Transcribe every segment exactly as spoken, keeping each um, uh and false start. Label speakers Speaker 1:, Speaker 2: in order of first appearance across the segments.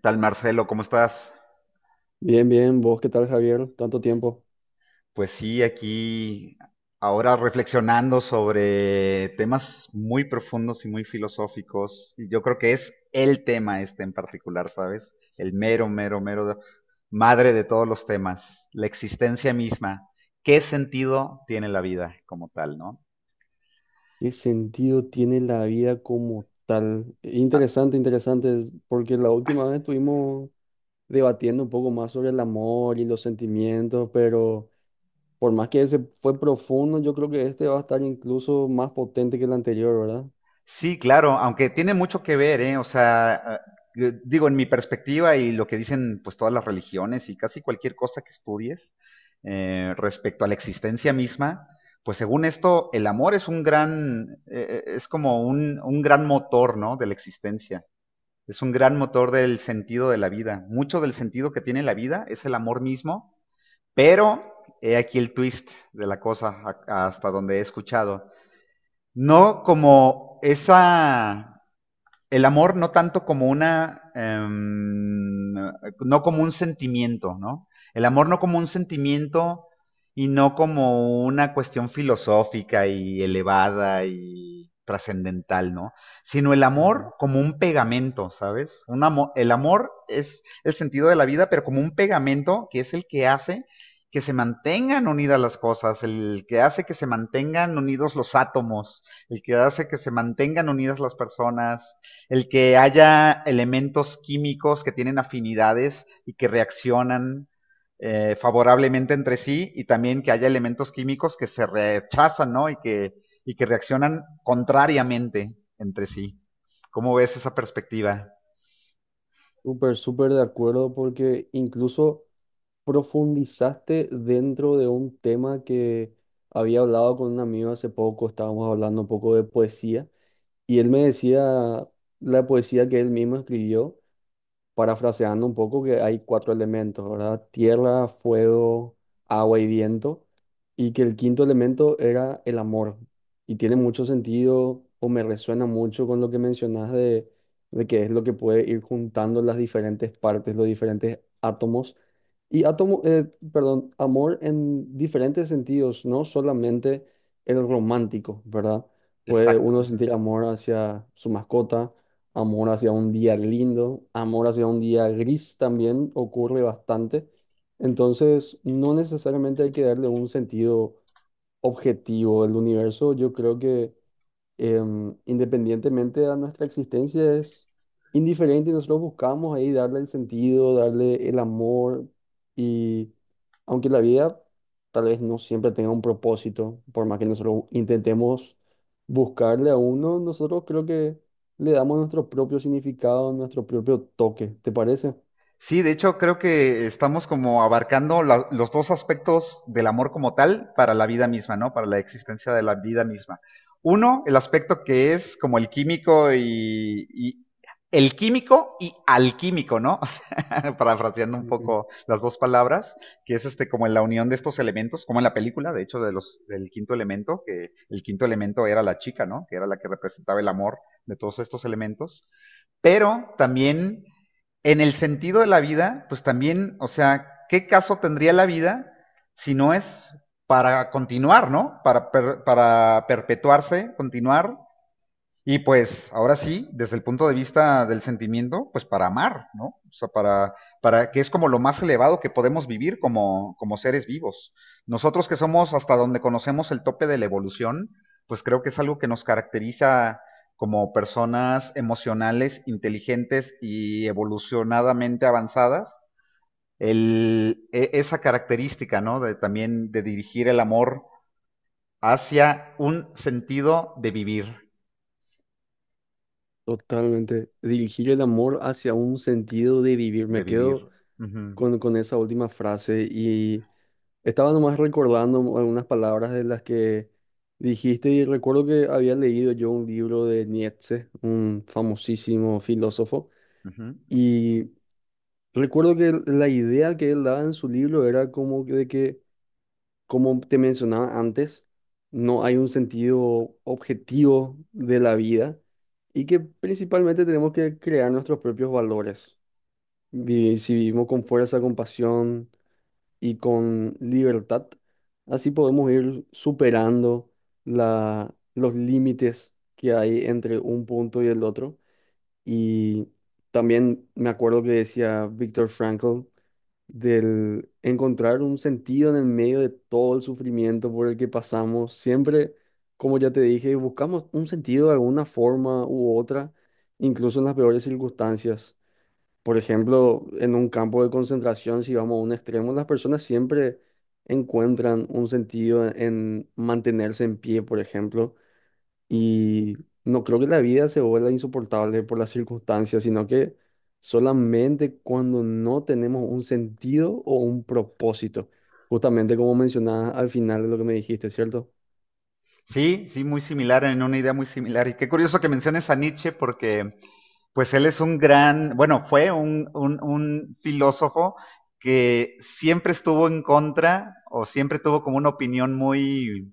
Speaker 1: Tal Marcelo? ¿Cómo estás?
Speaker 2: Bien, bien, vos, ¿qué tal, Javier? Tanto tiempo.
Speaker 1: Pues sí, aquí ahora reflexionando sobre temas muy profundos y muy filosóficos. Y Yo creo que es el tema este en particular, ¿sabes? El mero, mero, mero de- madre de todos los temas, la existencia misma. ¿Qué sentido tiene la vida como tal, no?
Speaker 2: ¿Qué sentido tiene la vida como tal? Interesante, interesante, porque la última vez estuvimos debatiendo un poco más sobre el amor y los sentimientos, pero por más que ese fue profundo, yo creo que este va a estar incluso más potente que el anterior, ¿verdad?
Speaker 1: Sí, claro, aunque tiene mucho que ver, ¿eh? O sea, ah, eh, digo, en mi perspectiva y lo que dicen pues todas las religiones y casi cualquier cosa que estudies eh, respecto a la existencia misma, pues según esto, el amor es un gran, eh, eh, es como un, un gran motor, ¿no? De la existencia. Es un gran motor del sentido de la vida. Mucho del sentido que tiene la vida es el amor mismo, pero he aquí el twist de la cosa a- hasta donde he escuchado. No como esa el amor no tanto como una, eh, no como un sentimiento, ¿no? El amor no como un sentimiento y no como una cuestión filosófica y elevada y trascendental, ¿no? Sino el
Speaker 2: Ujú.
Speaker 1: amor como un pegamento, ¿sabes? Un amor, el amor es el sentido de la vida, pero como un pegamento que es el que hace que se mantengan unidas las cosas, el que hace que se mantengan unidos los átomos, el que hace que se mantengan unidas las personas, el que haya elementos químicos que tienen afinidades y que reaccionan eh, favorablemente entre sí y también que haya elementos químicos que se rechazan, ¿no? Y que, y que reaccionan contrariamente entre sí. ¿Cómo ves esa perspectiva?
Speaker 2: Súper, súper de acuerdo porque incluso profundizaste dentro de un tema que había hablado con un amigo hace poco, estábamos hablando un poco de poesía y él me decía la poesía que él mismo escribió parafraseando un poco, que hay cuatro elementos, ¿verdad? Tierra, fuego, agua y viento, y que el quinto elemento era el amor. Y tiene mucho sentido o me resuena mucho con lo que mencionas de, de que es lo que puede ir juntando las diferentes partes, los diferentes átomos. Y átomo, eh, perdón, amor en diferentes sentidos, no solamente el romántico, ¿verdad? Puede
Speaker 1: Exacto.
Speaker 2: uno sentir amor hacia su mascota. Amor hacia un día lindo, amor hacia un día gris también ocurre bastante. Entonces, no necesariamente hay que darle un sentido objetivo. El universo, yo creo que em, independientemente a nuestra existencia, es indiferente y nosotros buscamos ahí darle el sentido, darle el amor y aunque la vida tal vez no siempre tenga un propósito, por más que nosotros intentemos buscarle a uno, nosotros creo que le damos nuestro propio significado, nuestro propio toque, ¿te parece?
Speaker 1: Sí, de hecho creo que estamos como abarcando la- los dos aspectos del amor como tal para la vida misma, ¿no? Para la existencia de la vida misma. Uno, el aspecto que es como el químico y, y- el químico y alquímico, ¿no? O sea, parafraseando un
Speaker 2: Ujú.
Speaker 1: poco las dos palabras, que es este como la unión de estos elementos, como en la película, de hecho, de los del quinto elemento, que el quinto elemento era la chica, ¿no? Que era la que representaba el amor de todos estos elementos. Pero también en el sentido de la vida, pues también, o sea, ¿qué caso tendría la vida si no es para continuar, ¿no? Para, per- para perpetuarse, continuar y pues, ahora sí, desde el punto de vista del sentimiento, pues para amar, ¿no? O sea, para, para que es como lo más elevado que podemos vivir como, como seres vivos. Nosotros que somos hasta donde conocemos el tope de la evolución, pues creo que es algo que nos caracteriza como personas emocionales, inteligentes y evolucionadamente avanzadas, el, e- esa característica, ¿no? De también de dirigir el amor hacia un sentido de vivir,
Speaker 2: Totalmente. Dirigir el amor hacia un sentido de vivir.
Speaker 1: de
Speaker 2: Me
Speaker 1: vivir.
Speaker 2: quedo
Speaker 1: Ujú.
Speaker 2: con, con esa última frase y estaba nomás recordando algunas palabras de las que dijiste y recuerdo que había leído yo un libro de Nietzsche, un famosísimo filósofo,
Speaker 1: Ujú.
Speaker 2: y recuerdo que la idea que él daba en su libro era como que de que, como te mencionaba antes, no hay un sentido objetivo de la vida y que principalmente tenemos que crear nuestros propios valores. Vi- Si vivimos con fuerza, compasión y con libertad. Así podemos ir superando la, los límites que hay entre un punto y el otro. Y también me acuerdo que decía Viktor Frankl del encontrar un sentido en el medio de todo el sufrimiento por el que pasamos. Siempre, como ya te dije, buscamos un sentido de alguna forma u otra, incluso en las peores circunstancias. Por ejemplo, en un campo de concentración, si vamos a un extremo, las personas siempre encuentran un sentido en mantenerse en pie, por ejemplo, y no creo que la vida se vuelva insoportable por las circunstancias, sino que solamente cuando no tenemos un sentido o un propósito, justamente como mencionabas al final de lo que me dijiste, ¿cierto?
Speaker 1: Sí, sí, muy similar, en una idea muy similar. Y qué curioso que menciones a Nietzsche porque pues él es un gran, bueno, fue un, un- un filósofo que siempre estuvo en contra o siempre tuvo como una opinión muy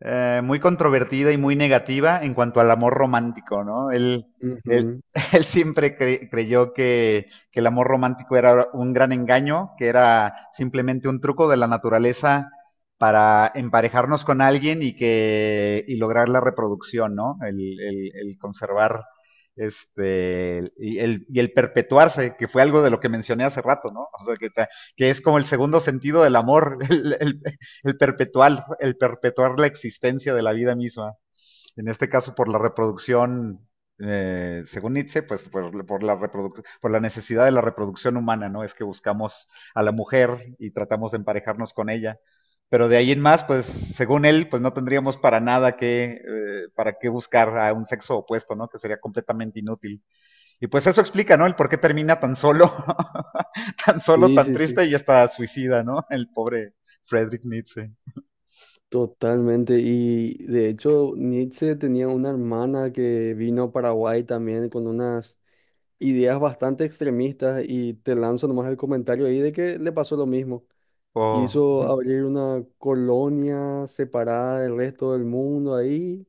Speaker 1: eh, muy controvertida y muy negativa en cuanto al amor romántico, ¿no? Él, él,
Speaker 2: Ujú.
Speaker 1: él siempre cre- creyó que, que el amor romántico era un gran engaño, que era simplemente un truco de la naturaleza para emparejarnos con alguien y que y lograr la reproducción, ¿no? El, el- el conservar este y el, y el perpetuarse, que fue algo de lo que mencioné hace rato, ¿no? O sea, que, que es como el segundo sentido del amor, el, el- el perpetuar, el perpetuar la existencia de la vida misma. En este caso, por la reproducción, eh, según Nietzsche, pues por, por la reproduc por la necesidad de la reproducción humana, ¿no? Es que buscamos a la mujer y tratamos de emparejarnos con ella. Pero de ahí en más, pues según él, pues no tendríamos para nada que, eh, para qué buscar a un sexo opuesto, ¿no? Que sería completamente inútil. Y pues eso explica, ¿no? El por qué termina tan solo, tan solo,
Speaker 2: Sí,
Speaker 1: tan
Speaker 2: sí,
Speaker 1: triste
Speaker 2: sí.
Speaker 1: y hasta suicida, ¿no? El pobre Friedrich Nietzsche.
Speaker 2: Totalmente, y de hecho Nietzsche tenía una hermana que vino a Paraguay también con unas ideas bastante extremistas y te lanzo nomás el comentario ahí de que le pasó lo mismo.
Speaker 1: O
Speaker 2: Quiso abrir una colonia separada del resto del mundo ahí,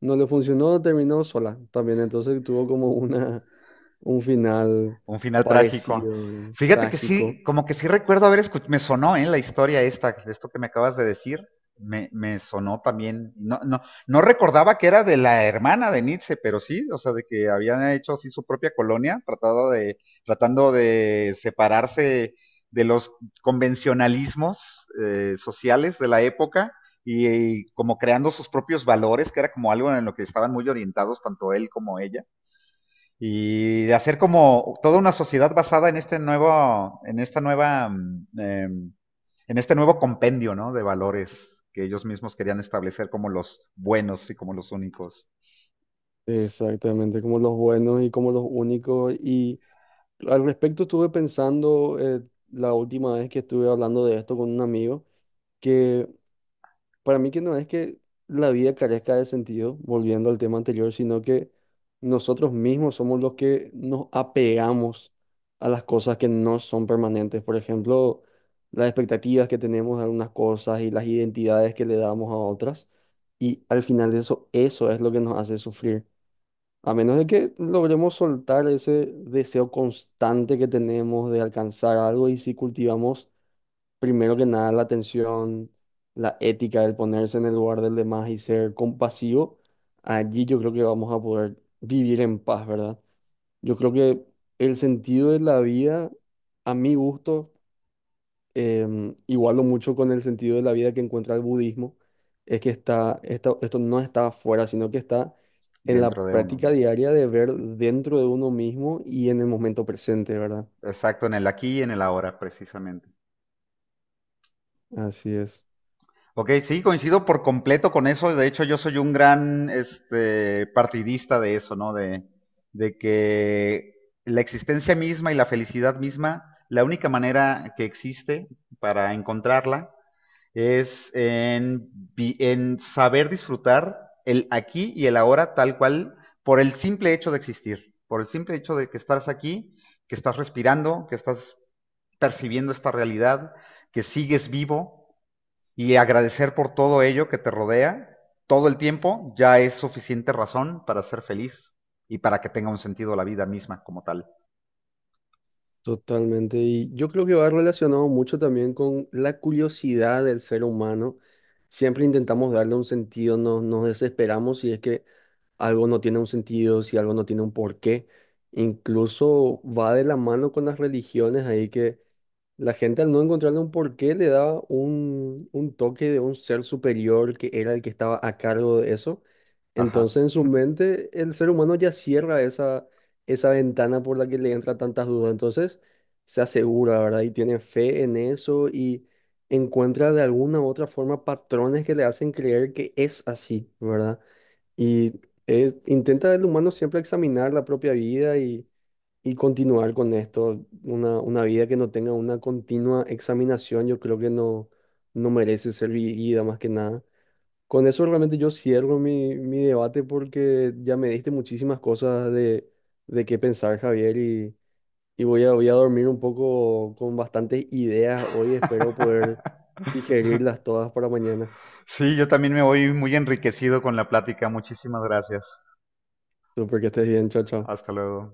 Speaker 2: no le funcionó, terminó sola también, entonces tuvo como una, un final
Speaker 1: un final trágico.
Speaker 2: parecido, ¿verdad?
Speaker 1: Fíjate que
Speaker 2: Trágico,
Speaker 1: sí, como que sí recuerdo haber escuchado, me sonó ¿eh? La historia esta, esto que me acabas de decir, me, me sonó también, no, no, no recordaba que era de la hermana de Nietzsche, pero sí, o sea, de que habían hecho así su propia colonia, tratado de, tratando de separarse de los convencionalismos eh, sociales de la época y, y como creando sus propios valores, que era como algo en lo que estaban muy orientados tanto él como ella. Y de hacer como toda una sociedad basada en este nuevo, en esta nueva, eh, en este nuevo compendio, ¿no? De valores que ellos mismos querían establecer como los buenos y como los únicos
Speaker 2: exactamente, como los buenos y como los únicos y... Al respecto estuve pensando, eh, la última vez que estuve hablando de esto con un amigo, que para mí que no es que la vida carezca de sentido, volviendo al tema anterior, sino que nosotros mismos somos los que nos apegamos a las cosas que no son permanentes. Por ejemplo, las expectativas que tenemos de algunas cosas y las identidades que le damos a otras. Y al final eso, eso es lo que nos hace sufrir. A menos de que logremos soltar ese deseo constante que tenemos de alcanzar algo y si cultivamos primero que nada la atención, la ética, el ponerse en el lugar del demás y ser compasivo, allí yo creo que vamos a poder vivir en paz, ¿verdad? Yo creo que el sentido de la vida, a mi gusto, em, igualo mucho con el sentido de la vida que encuentra el budismo, es que está, esta- esto no está afuera, sino que está en la
Speaker 1: dentro de uno.
Speaker 2: práctica diaria de ver dentro de uno mismo y en el momento presente, ¿verdad?
Speaker 1: Exacto, en el aquí y en el ahora, precisamente.
Speaker 2: Así es,
Speaker 1: Ok, sí, coincido por completo con eso. De hecho, yo soy un gran este, partidista de eso, ¿no? De, de que la existencia misma y la felicidad misma, la única manera que existe para encontrarla es en, vi- en saber disfrutar el aquí y el ahora tal cual por el simple hecho de existir, por el simple hecho de que estás aquí, que estás respirando, que estás percibiendo esta realidad, que sigues vivo y agradecer por todo ello que te rodea todo el tiempo ya es suficiente razón para ser feliz y para que tenga un sentido la vida misma como tal.
Speaker 2: totalmente. Y yo creo que va relacionado mucho también con la curiosidad del ser humano. Siempre intentamos darle un sentido, nos, nos desesperamos si es que algo no tiene un sentido, si algo no tiene un porqué. Incluso va de la mano con las religiones ahí que la gente al no encontrarle un porqué le daba un, un toque de un ser superior que era el que estaba a cargo de eso.
Speaker 1: Ajá.
Speaker 2: Entonces en su mente el ser humano ya cierra esa, esa ventana por la que le entra tantas dudas. Entonces se asegura, ¿verdad? Y tiene fe en eso y encuentra de alguna u otra forma patrones que le hacen creer que es así, ¿verdad? Y, eh, intenta el humano siempre examinar la propia vida y y continuar con esto, una, una vida que no tenga una continua examinación, yo creo que no, no merece ser vivida más que nada. Con eso realmente yo cierro mi, mi debate porque ya me diste muchísimas cosas de, de qué pensar, Javier, y, y voy a, voy a dormir un poco con bastantes ideas hoy. Espero poder digerirlas todas para mañana.
Speaker 1: Sí, yo también me voy muy enriquecido con la plática. Muchísimas gracias.
Speaker 2: Súper que estés bien, chao, chao.
Speaker 1: Hasta luego.